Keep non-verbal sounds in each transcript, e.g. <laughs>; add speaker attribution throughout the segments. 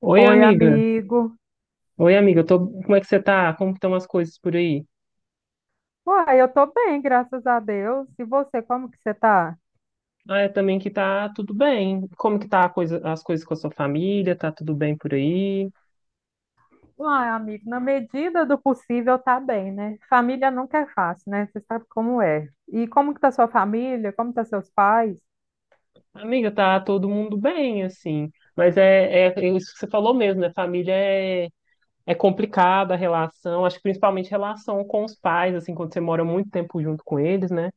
Speaker 1: Oi,
Speaker 2: Oi,
Speaker 1: amiga.
Speaker 2: amigo.
Speaker 1: Oi, amiga. Eu tô... Como é que você tá? Como que estão as coisas por aí?
Speaker 2: Uai, eu tô bem, graças a Deus. E você, como que você tá?
Speaker 1: Ah, é também que tá tudo bem. Como que tá a coisa... as coisas com a sua família? Tá tudo bem por aí?
Speaker 2: Uai, amigo, na medida do possível tá bem, né? Família nunca é fácil, né? Você sabe como é. E como que tá sua família? Como tá seus pais?
Speaker 1: Amiga, tá todo mundo bem, assim. Mas é, é isso que você falou mesmo, né? Família é, é complicada a relação. Acho que principalmente relação com os pais, assim, quando você mora muito tempo junto com eles, né?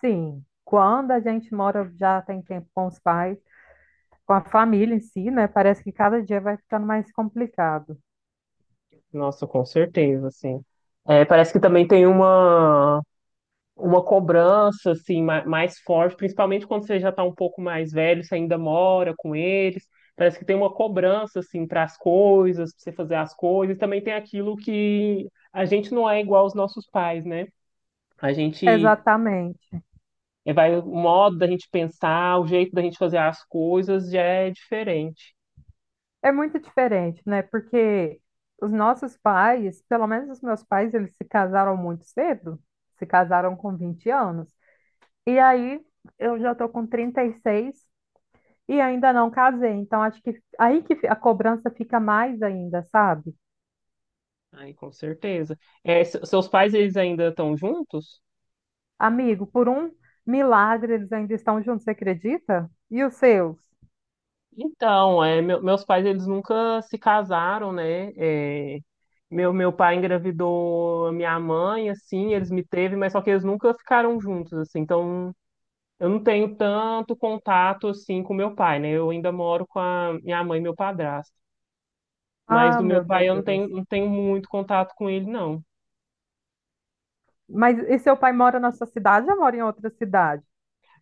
Speaker 2: Sim, quando a gente mora já tem tempo com os pais, com a família em si, né? Parece que cada dia vai ficando mais complicado.
Speaker 1: Nossa, com certeza, assim. É, parece que também tem uma cobrança assim mais forte, principalmente quando você já está um pouco mais velho, você ainda mora com eles. Parece que tem uma cobrança assim para as coisas, para você fazer as coisas. Também tem aquilo que a gente não é igual aos nossos pais, né? A gente
Speaker 2: Exatamente.
Speaker 1: vai o modo da gente pensar, o jeito da gente fazer as coisas já é diferente.
Speaker 2: É muito diferente, né? Porque os nossos pais, pelo menos os meus pais, eles se casaram muito cedo, se casaram com 20 anos. E aí eu já tô com 36 e seis e ainda não casei. Então acho que aí que a cobrança fica mais ainda, sabe?
Speaker 1: Aí, com certeza. Seus pais eles ainda estão juntos?
Speaker 2: Amigo, por um milagre eles ainda estão juntos, você acredita? E os seus?
Speaker 1: Então, é, meus pais eles nunca se casaram, né? É, meu pai engravidou a minha mãe, assim, eles me teve, mas só que eles nunca ficaram juntos, assim. Então, eu não tenho tanto contato assim com meu pai, né? Eu ainda moro com a minha mãe e meu padrasto. Mas
Speaker 2: Ah,
Speaker 1: do meu
Speaker 2: meu
Speaker 1: pai eu
Speaker 2: Deus.
Speaker 1: não tenho muito contato com ele, não.
Speaker 2: Mas e seu pai mora na sua cidade ou mora em outra cidade?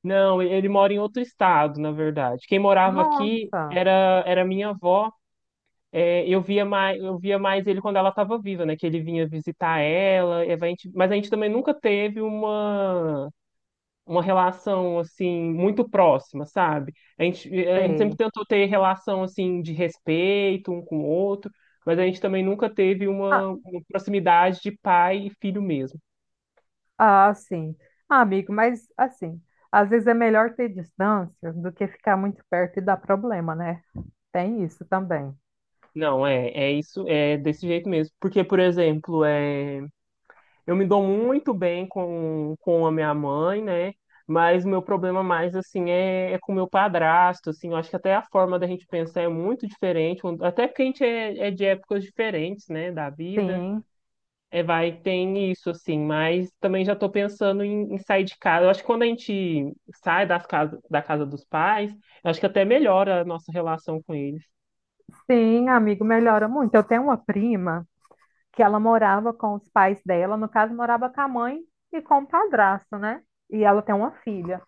Speaker 1: Não, ele mora em outro estado, na verdade. Quem morava aqui
Speaker 2: Nossa,
Speaker 1: era minha avó. É, eu via mais ele quando ela estava viva, né? Que ele vinha visitar ela, e a mas a gente também nunca teve uma relação assim muito próxima, sabe? A gente sempre
Speaker 2: sei.
Speaker 1: tentou ter relação assim de respeito um com o outro, mas a gente também nunca teve uma proximidade de pai e filho mesmo.
Speaker 2: Ah, sim. Ah, amigo, mas assim, às vezes é melhor ter distância do que ficar muito perto e dar problema, né? Tem isso também.
Speaker 1: Não, é, é isso, é desse jeito mesmo. Porque, por exemplo, é. Eu me dou muito bem com a minha mãe, né? Mas o meu problema mais, assim, é, é com o meu padrasto, assim. Eu acho que até a forma da gente pensar é muito diferente. Até porque a gente é, é de épocas diferentes, né? Da vida.
Speaker 2: Sim,
Speaker 1: É, vai, tem isso, assim. Mas também já estou pensando em, em sair de casa. Eu acho que quando a gente sai das casa, da casa dos pais, eu acho que até melhora a nossa relação com eles.
Speaker 2: sim, amigo, melhora muito. Eu tenho uma prima que ela morava com os pais dela, no caso, morava com a mãe e com o padrasto, né? E ela tem uma filha.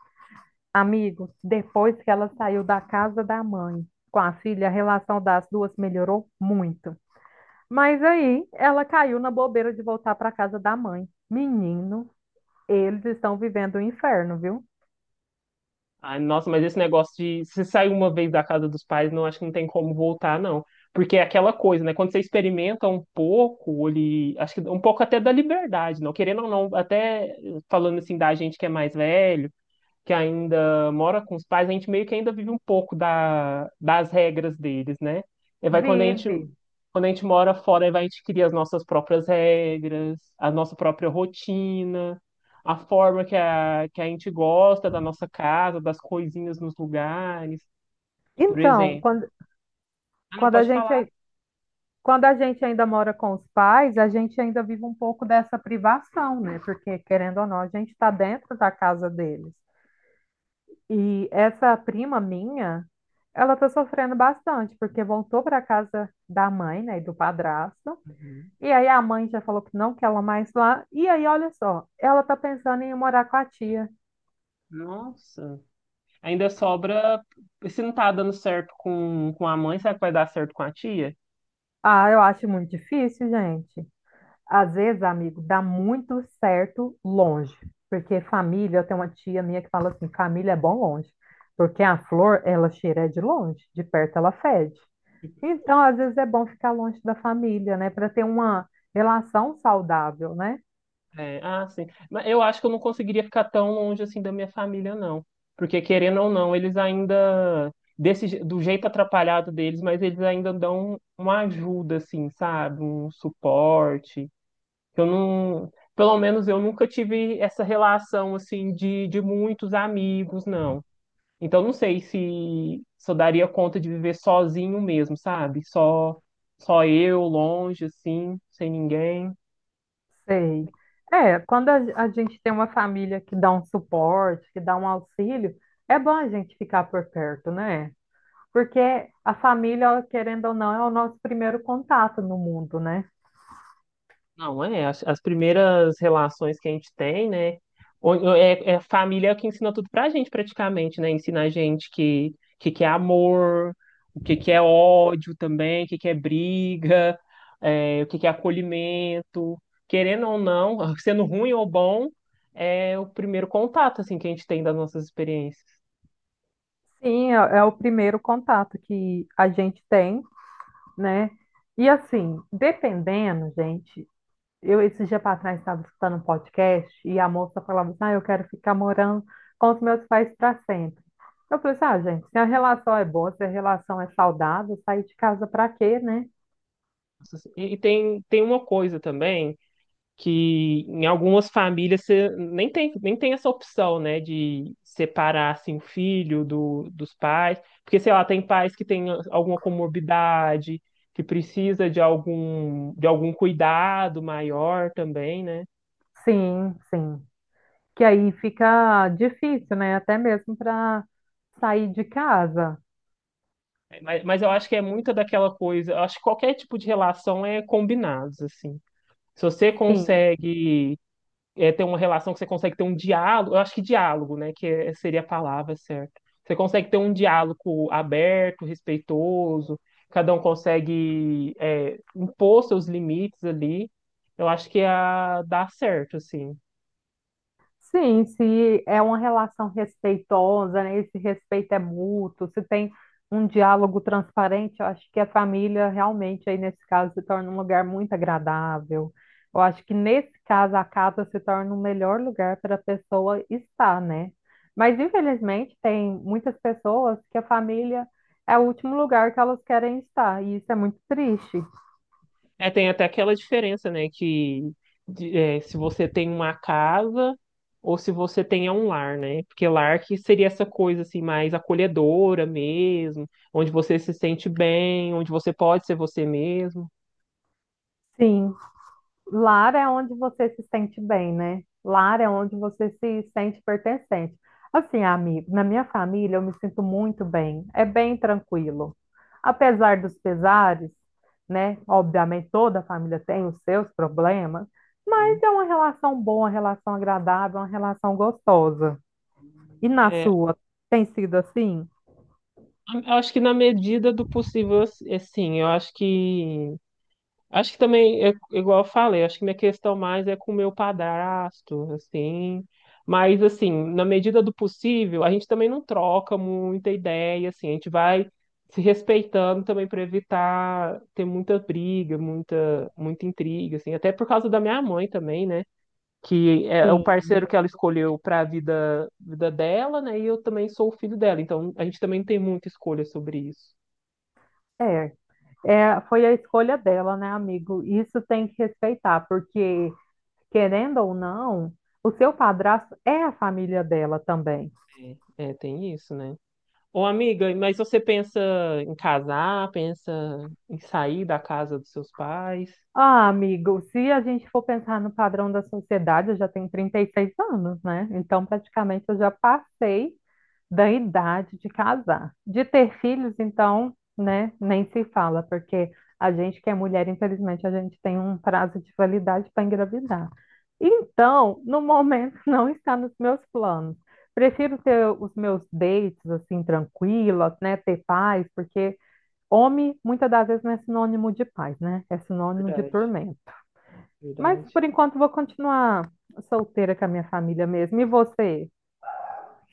Speaker 2: Amigo, depois que ela saiu da casa da mãe com a filha, a relação das duas melhorou muito. Mas aí ela caiu na bobeira de voltar para casa da mãe. Menino. Eles estão vivendo o inferno, viu?
Speaker 1: Ai, nossa, mas esse negócio de se sair uma vez da casa dos pais, não acho que não tem como voltar, não. Porque é aquela coisa, né? Quando você experimenta um pouco, ele, acho que um pouco até da liberdade, não querendo ou não, até falando assim da gente que é mais velho que ainda mora com os pais, a gente meio que ainda vive um pouco da, das regras deles, né? E vai quando a
Speaker 2: Vive.
Speaker 1: quando a gente mora fora, aí vai a gente cria as nossas próprias regras, a nossa própria rotina, a forma que que a gente gosta da nossa casa, das coisinhas nos lugares, por
Speaker 2: Então,
Speaker 1: exemplo.
Speaker 2: quando,
Speaker 1: Ah, não,
Speaker 2: quando a
Speaker 1: pode
Speaker 2: gente,
Speaker 1: falar.
Speaker 2: ai- Quando a gente ainda mora com os pais, a gente ainda vive um pouco dessa privação, né? Porque, querendo ou não, a gente está dentro da casa deles. E essa prima minha, ela está sofrendo bastante, porque voltou para a casa da mãe, né, e do padrasto.
Speaker 1: Uhum.
Speaker 2: E aí a mãe já falou que não quer ela mais lá. E aí, olha só, ela está pensando em ir morar com a tia.
Speaker 1: Nossa. Ainda sobra, se não tá dando certo com a mãe, será que vai dar certo com a tia?
Speaker 2: Ah, eu acho muito difícil, gente. Às vezes, amigo, dá muito certo longe, porque família, eu tenho uma tia minha que fala assim, família é bom longe, porque a flor, ela cheira de longe, de perto ela fede. Então, às vezes é bom ficar longe da família, né, para ter uma relação saudável, né?
Speaker 1: É, ah, sim. Mas eu acho que eu não conseguiria ficar tão longe assim da minha família, não. Porque, querendo ou não, eles ainda, do jeito atrapalhado deles, mas eles ainda dão uma ajuda, assim, sabe? Um suporte. Eu não, pelo menos eu nunca tive essa relação, assim, de muitos amigos, não. Então, não sei se, se eu daria conta de viver sozinho mesmo, sabe? Só, só eu, longe, assim, sem ninguém.
Speaker 2: Sei. É, quando a, a gente tem uma família que dá um suporte, que dá um auxílio, é bom a gente ficar por perto, né? Porque a família, querendo ou não, é o nosso primeiro contato no mundo, né?
Speaker 1: Não, é. As primeiras relações que a gente tem, né? Ou É, é a família que ensina tudo pra gente, praticamente, né? Ensina a gente que é amor, que é ódio também, que é briga, é, que é acolhimento. Querendo ou não, <laughs> sendo ruim ou bom, é o primeiro contato, assim, que a gente tem das nossas experiências.
Speaker 2: É o primeiro contato que a gente tem, né? E assim, dependendo, gente, eu esse dia para trás estava escutando um podcast e a moça falava assim, ah, eu quero ficar morando com os meus pais para sempre. Eu falei assim, ah, gente, se a relação é boa, se a relação é saudável, sair de casa para quê, né?
Speaker 1: E tem, tem uma coisa também, que em algumas famílias você nem tem essa opção, né, de separar assim, o filho do, dos pais, porque sei lá, tem pais que têm alguma comorbidade, que precisa de algum cuidado maior também, né?
Speaker 2: Sim. Que aí fica difícil, né? Até mesmo para sair de casa.
Speaker 1: Mas eu acho que é muita daquela coisa, eu acho que qualquer tipo de relação é combinados assim. Se você
Speaker 2: Sim.
Speaker 1: consegue é, ter uma relação que você consegue ter um diálogo, eu acho que diálogo, né, que seria a palavra certa. Você consegue ter um diálogo aberto, respeitoso, cada um consegue é, impor seus limites ali. Eu acho que é a dá certo, assim.
Speaker 2: Sim, se é uma relação respeitosa, né? Esse respeito é mútuo, se tem um diálogo transparente, eu acho que a família realmente aí nesse caso se torna um lugar muito agradável. Eu acho que nesse caso a casa se torna o melhor lugar para a pessoa estar, né? Mas infelizmente tem muitas pessoas que a família é o último lugar que elas querem estar, e isso é muito triste.
Speaker 1: É, tem até aquela diferença, né, que é, se você tem uma casa ou se você tem um lar, né? Porque lar que seria essa coisa assim mais acolhedora mesmo, onde você se sente bem, onde você pode ser você mesmo.
Speaker 2: Sim. Lar é onde você se sente bem, né? Lar é onde você se sente pertencente. Assim, amigo, na minha família eu me sinto muito bem, é bem tranquilo. Apesar dos pesares, né? Obviamente toda família tem os seus problemas, mas
Speaker 1: Sim.
Speaker 2: é uma relação boa, uma relação agradável, uma relação gostosa. E na
Speaker 1: É,
Speaker 2: sua, tem sido assim?
Speaker 1: eu acho que na medida do possível, assim, eu acho que também é igual eu falei, acho que minha questão mais é com o meu padrasto, assim, mas assim, na medida do possível, a gente também não troca muita ideia, assim, a gente vai se respeitando também para evitar ter muita briga, muita intriga, assim, até por causa da minha mãe também, né? Que é o
Speaker 2: Sim,
Speaker 1: parceiro que ela escolheu para vida dela, né? E eu também sou o filho dela, então a gente também não tem muita escolha sobre isso.
Speaker 2: é. É, foi a escolha dela, né, amigo? Isso tem que respeitar, porque querendo ou não, o seu padrasto é a família dela também.
Speaker 1: É. É, tem isso, né? Ô, amiga, mas você pensa em casar, pensa em sair da casa dos seus pais?
Speaker 2: Ah, amigo, se a gente for pensar no padrão da sociedade, eu já tenho 36 anos, né? Então, praticamente, eu já passei da idade de casar. De ter filhos, então, né, nem se fala, porque a gente que é mulher, infelizmente, a gente tem um prazo de validade para engravidar. Então, no momento, <laughs> não está nos meus planos. Prefiro ter os meus dates, assim, tranquilos, né, ter paz, porque homem, muitas das vezes, não é sinônimo de paz, né? É sinônimo de
Speaker 1: Verdade,
Speaker 2: tormento. Mas,
Speaker 1: verdade.
Speaker 2: por enquanto, vou continuar solteira com a minha família mesmo. E você?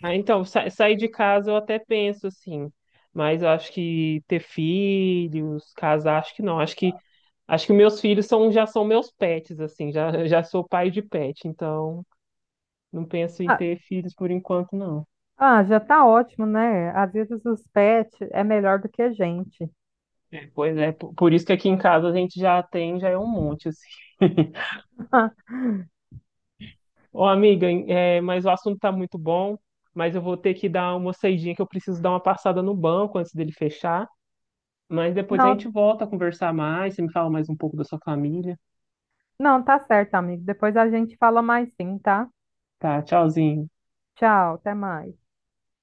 Speaker 1: Ah, então, sair de casa eu até penso assim, mas eu acho que ter filhos, casar, acho que não. Acho que meus filhos são já são meus pets assim, já <laughs> já sou pai de pet, então não penso em
Speaker 2: Ah,
Speaker 1: ter filhos por enquanto, não.
Speaker 2: Ah, já tá ótimo, né? Às vezes os pets é melhor do que a gente.
Speaker 1: É, pois é, por isso que aqui em casa a gente já tem, já é um monte, assim. <laughs>
Speaker 2: <laughs>
Speaker 1: Ô, amiga, é, mas o assunto tá muito bom, mas eu vou ter que dar uma saidinha que eu preciso dar uma passada no banco antes dele fechar. Mas depois a
Speaker 2: Não,
Speaker 1: gente volta a conversar mais, você me fala mais um pouco da sua família.
Speaker 2: não, tá certo, amigo. Depois a gente fala mais sim, tá?
Speaker 1: Tá, tchauzinho.
Speaker 2: Tchau, até mais.